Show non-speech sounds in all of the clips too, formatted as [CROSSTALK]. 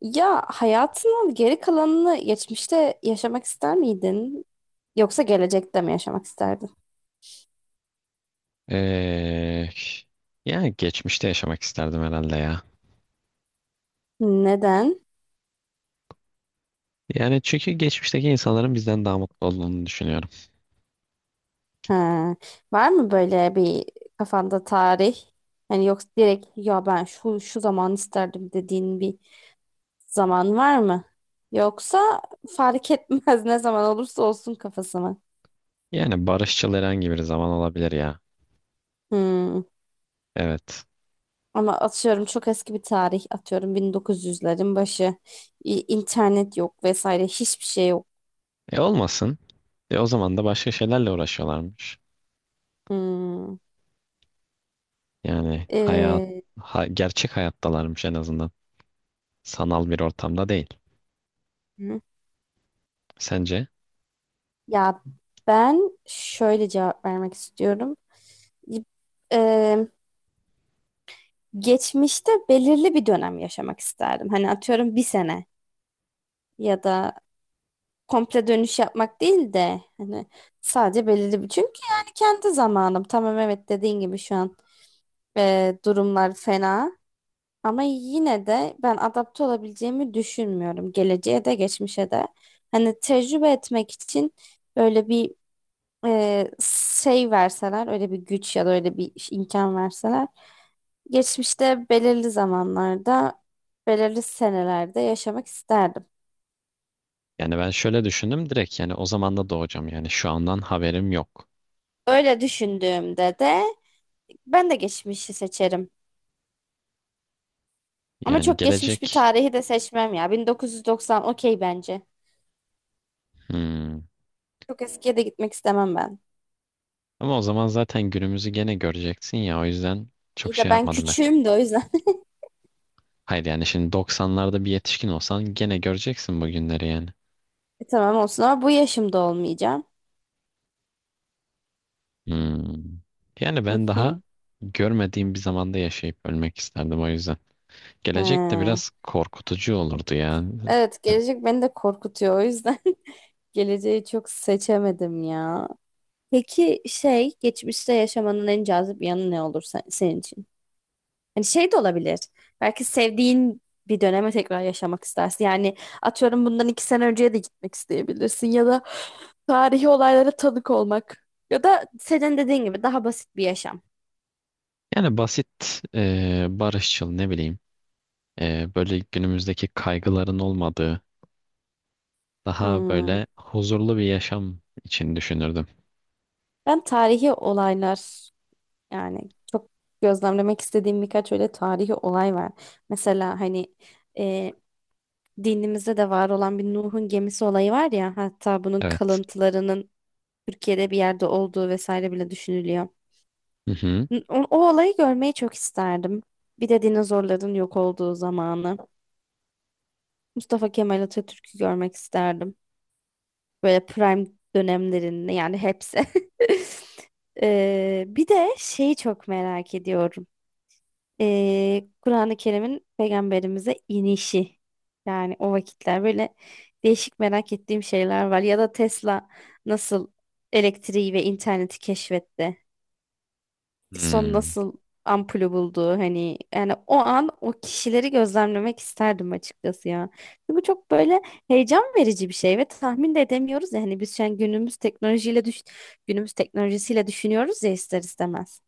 Ya hayatının geri kalanını geçmişte yaşamak ister miydin? Yoksa gelecekte mi yaşamak isterdin? Ee, Yani geçmişte yaşamak isterdim herhalde ya. Neden? Yani çünkü geçmişteki insanların bizden daha mutlu olduğunu düşünüyorum. Ha. Var mı böyle bir kafanda tarih? Hani yoksa direkt ya ben şu şu zaman isterdim dediğin bir zaman var mı? Yoksa fark etmez [LAUGHS] ne zaman olursa olsun kafası mı? Yani barışçıl herhangi bir zaman olabilir ya. Hmm. Evet. Ama atıyorum çok eski bir tarih atıyorum 1900'lerin başı. İnternet yok vesaire hiçbir şey yok. E olmasın. E o zaman da başka şeylerle uğraşıyorlarmış. Hmm. Yani hayat, Ee, gerçek hayattalarmış en azından. Sanal bir ortamda değil. hı. Sence? Ya ben şöyle cevap vermek istiyorum. Ee, geçmişte belirli bir dönem yaşamak isterdim. Hani atıyorum bir sene ya da komple dönüş yapmak değil de hani sadece belirli bir. Çünkü yani kendi zamanım. Tamam, evet, dediğin gibi şu an durumlar fena. Ama yine de ben adapte olabileceğimi düşünmüyorum. Geleceğe de geçmişe de. Hani tecrübe etmek için böyle bir e, şey verseler, öyle bir güç ya da öyle bir imkan verseler, geçmişte belirli zamanlarda belirli senelerde yaşamak isterdim. Yani ben şöyle düşündüm direkt, yani o zaman da doğacağım, yani şu andan haberim yok. Öyle düşündüğümde de ben de geçmişi seçerim. Ama Yani çok geçmiş bir gelecek. tarihi de seçmem ya. 1990 okey bence. Hmm. Çok eskiye de gitmek istemem ben. Ama o zaman zaten günümüzü gene göreceksin ya, o yüzden çok İyi şey de ben yapmadım ben. küçüğüm de o yüzden. [LAUGHS] Hayır, yani şimdi 90'larda bir yetişkin olsan gene göreceksin bu günleri yani. Tamam olsun ama bu yaşımda olmayacağım. Hmm. Yani Hı ben hı. daha görmediğim bir zamanda yaşayıp ölmek isterdim o yüzden. Gelecek de Ha. biraz korkutucu olurdu yani. Evet, gelecek beni de korkutuyor o yüzden. [LAUGHS] Geleceği çok seçemedim ya. Peki, şey, geçmişte yaşamanın en cazip yanı ne olur senin için? Hani şey de olabilir. Belki sevdiğin bir döneme tekrar yaşamak istersin. Yani atıyorum bundan 2 sene önceye de gitmek isteyebilirsin, ya da tarihi olaylara tanık olmak, ya da senin dediğin gibi daha basit bir yaşam. Yani basit, barışçıl ne bileyim. Böyle günümüzdeki kaygıların olmadığı daha Hmm. böyle huzurlu bir yaşam için düşünürdüm. Ben tarihi olaylar, yani çok gözlemlemek istediğim birkaç öyle tarihi olay var. Mesela hani dinimizde de var olan bir Nuh'un gemisi olayı var ya, hatta bunun Evet. kalıntılarının Türkiye'de bir yerde olduğu vesaire bile düşünülüyor. Hı hı. O olayı görmeyi çok isterdim. Bir de dinozorların yok olduğu zamanı. Mustafa Kemal Atatürk'ü görmek isterdim. Böyle prime dönemlerinde, yani hepsi. [LAUGHS] Bir de şeyi çok merak ediyorum. Kur'an-ı Kerim'in peygamberimize inişi. Yani o vakitler böyle değişik merak ettiğim şeyler var. Ya da Tesla nasıl elektriği ve interneti keşfetti? Edison Hmm. nasıl ampulü buldu? Hani yani o an o kişileri gözlemlemek isterdim açıkçası ya. Bu çok böyle heyecan verici bir şey ve tahmin de edemiyoruz ya. Hani biz şu an günümüz teknolojisiyle düşünüyoruz ya, ister istemez.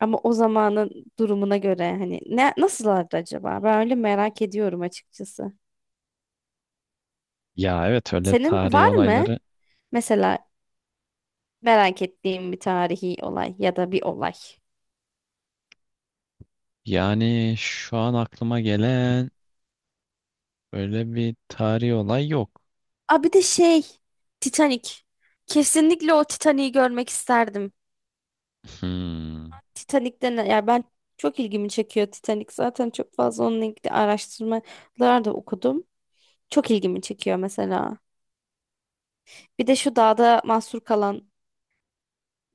Ama o zamanın durumuna göre hani ne nasıllardı acaba? Ben öyle merak ediyorum açıkçası. Ya evet, öyle Senin tarihi var mı olayları, mesela merak ettiğin bir tarihi olay ya da bir olay? yani şu an aklıma gelen öyle bir tarihi olay yok. Aa, bir de şey, Titanic. Kesinlikle o Titanic'i görmek isterdim. Hmm, Titanic'ten, ya, ben, çok ilgimi çekiyor Titanic. Zaten çok fazla onunla ilgili araştırmalar da okudum. Çok ilgimi çekiyor mesela. Bir de şu dağda mahsur kalan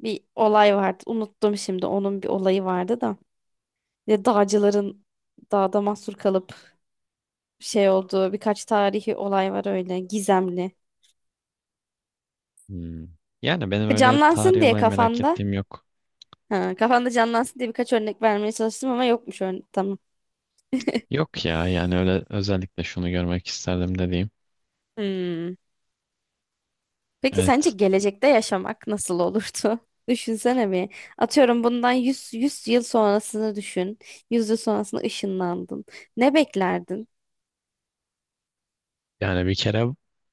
bir olay vardı. Unuttum şimdi, onun bir olayı vardı da. Ve dağcıların dağda mahsur kalıp şey olduğu birkaç tarihi olay var öyle gizemli. hmm. Yani benim E, öyle Canlansın tarihi diye olay merak kafanda. ettiğim yok. Ha, kafanda canlansın diye birkaç örnek vermeye çalıştım ama yokmuş örnek. Tamam. Yok ya, yani öyle özellikle şunu görmek isterdim dediğim. Hmm. Peki sence Evet, gelecekte yaşamak nasıl olurdu? [LAUGHS] Düşünsene bir. Atıyorum bundan yüz yıl sonrasını düşün. Yüz yıl sonrasına ışınlandın. Ne beklerdin? yani bir kere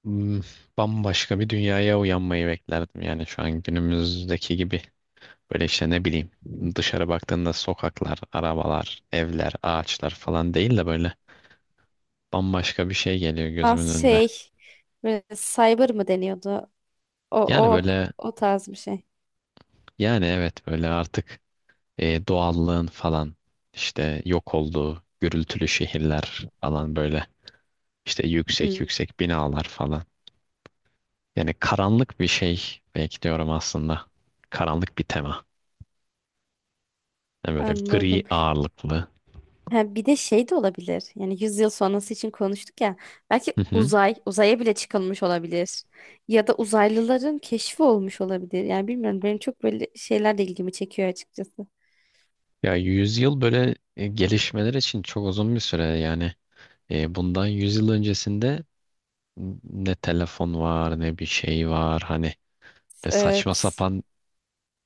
hmm, bambaşka bir dünyaya uyanmayı beklerdim. Yani şu an günümüzdeki gibi böyle işte ne bileyim, dışarı baktığında sokaklar, arabalar, evler, ağaçlar falan değil de böyle bambaşka bir şey geliyor Az gözümün önüne. şey, böyle cyber mı deniyordu? O, Yani o, böyle, o tarz bir şey. yani evet, böyle artık doğallığın falan işte yok olduğu gürültülü şehirler falan, böyle işte yüksek Hmm. yüksek binalar falan. Yani karanlık bir şey belki diyorum aslında. Karanlık bir tema. Yani böyle gri Anladım. ağırlıklı. Ha, bir de şey de olabilir. Yani 100 yıl sonrası için konuştuk ya. Belki Hı hı. Uzaya bile çıkılmış olabilir. Ya da uzaylıların keşfi olmuş olabilir. Yani bilmiyorum, benim çok böyle şeyler de ilgimi çekiyor açıkçası. Ya yüzyıl böyle gelişmeler için çok uzun bir süre yani. Bundan yüzyıl öncesinde ne telefon var ne bir şey var, hani saçma Evet. sapan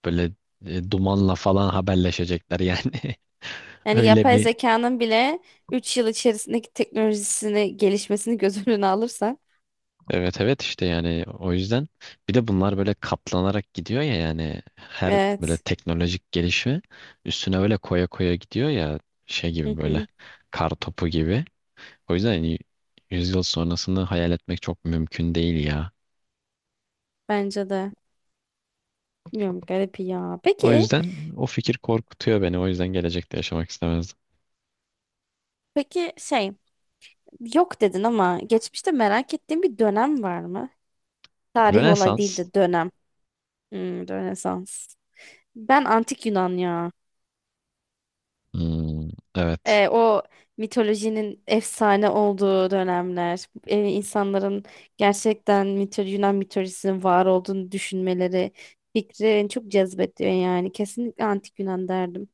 böyle dumanla falan haberleşecekler yani. [LAUGHS] Yani Öyle yapay bir zekanın bile 3 yıl içerisindeki teknolojisini, gelişmesini göz [LAUGHS] önüne alırsan. evet, evet işte, yani o yüzden bir de bunlar böyle katlanarak gidiyor ya, yani her böyle Evet. teknolojik gelişme üstüne böyle koya koya gidiyor ya, şey gibi Hı böyle hı. kar topu gibi. O yüzden yani yüzyıl sonrasını hayal etmek çok mümkün değil ya. Bence de. Bilmiyorum, garip ya. O Peki, yüzden o fikir korkutuyor beni. O yüzden gelecekte yaşamak istemezdim. peki şey, yok dedin ama geçmişte merak ettiğin bir dönem var mı? Tarihi olay değil Rönesans. de dönem. Hmm, Rönesans. Ben antik Yunan ya. Hmm, evet. O mitolojinin efsane olduğu dönemler, insanların gerçekten Yunan mitolojisinin var olduğunu düşünmeleri, fikri beni çok cezbediyor yani. Kesinlikle antik Yunan derdim.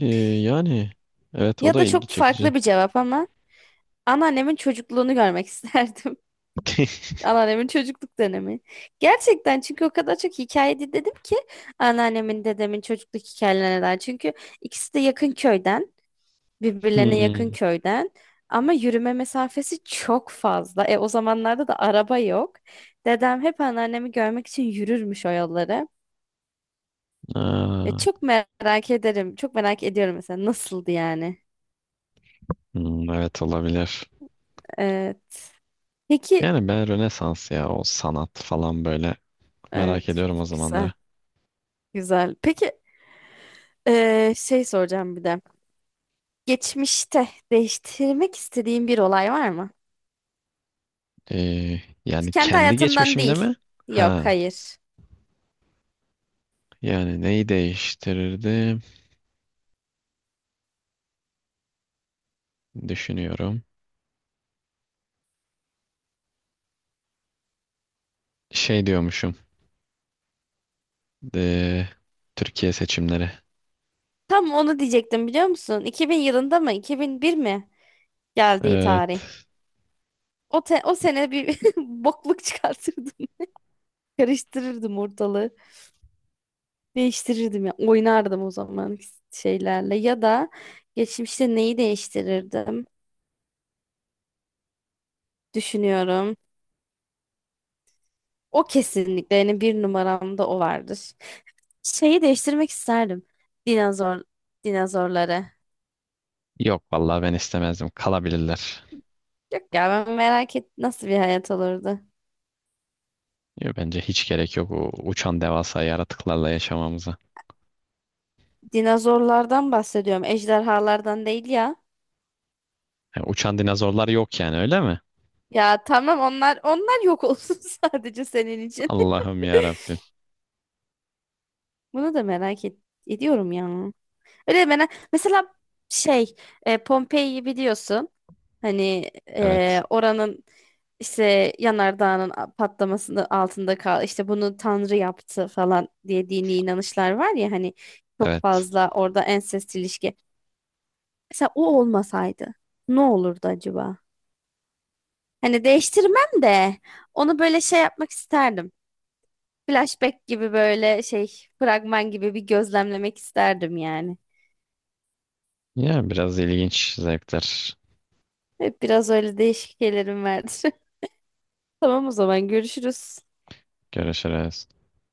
Ee, Yani evet, o Ya da da ilgi çok çekici. farklı bir cevap ama anneannemin çocukluğunu görmek [LAUGHS] isterdim. [LAUGHS] Anneannemin çocukluk dönemi. Gerçekten, çünkü o kadar çok hikaye dinledim ki anneannemin, dedemin çocukluk hikayelerinden. Çünkü ikisi de yakın köyden. Birbirlerine yakın Hmm. köyden ama yürüme mesafesi çok fazla. O zamanlarda da araba yok. Dedem hep anneannemi görmek için yürürmüş o yolları. E, Aa, çok merak ederim. Çok merak ediyorum mesela, nasıldı yani. hmm, evet olabilir. Evet. Peki, Yani ben Rönesans ya, o sanat falan böyle merak evet, ediyorum o güzel zamanlar. güzel. Peki, şey soracağım bir de. Geçmişte değiştirmek istediğin bir olay var mı? Ee, Yani Kendi kendi hayatından geçmişimde değil. mi? Yok, Ha, hayır. yani neyi değiştirirdim düşünüyorum. Şey diyormuşum. ee, Türkiye seçimleri. Tam onu diyecektim, biliyor musun? 2000 yılında mı? 2001 mi? Geldiği tarih. Evet. O sene bir [LAUGHS] bokluk çıkartırdım. Karıştırırdım ortalığı. Değiştirirdim ya. Oynardım o zaman şeylerle. Ya da geçmişte neyi değiştirirdim? Düşünüyorum. O kesinlikle, yani bir numaramda o vardır. Şeyi değiştirmek isterdim. Dinozor, dinozorları. Yok vallahi ben istemezdim. Kalabilirler. Yok ya, ben merak et nasıl bir hayat olurdu. Ya bence hiç gerek yok o uçan devasa yaratıklarla yaşamamıza. Dinozorlardan bahsediyorum. Ejderhalardan değil ya. Yani uçan dinozorlar yok yani, öyle mi? Ya tamam, onlar yok olsun [LAUGHS] sadece senin için. Allah'ım ya Rabbim. Bunu da merak ediyorum ya. Öyle merak mesela, şey, Pompei'yi biliyorsun. Hani Evet. Oranın işte yanardağının patlamasının altında kal, işte bunu Tanrı yaptı falan diye dini inanışlar var ya, hani çok Evet. fazla orada ensest ilişki. Mesela o olmasaydı ne olurdu acaba? Hani değiştirmem de onu böyle şey yapmak isterdim. Flashback gibi, böyle şey, fragman gibi bir gözlemlemek isterdim yani. Ya biraz ilginç zevkler. Hep biraz öyle değişik şeylerim vardır. [LAUGHS] Tamam, o zaman görüşürüz. Görüşürüz.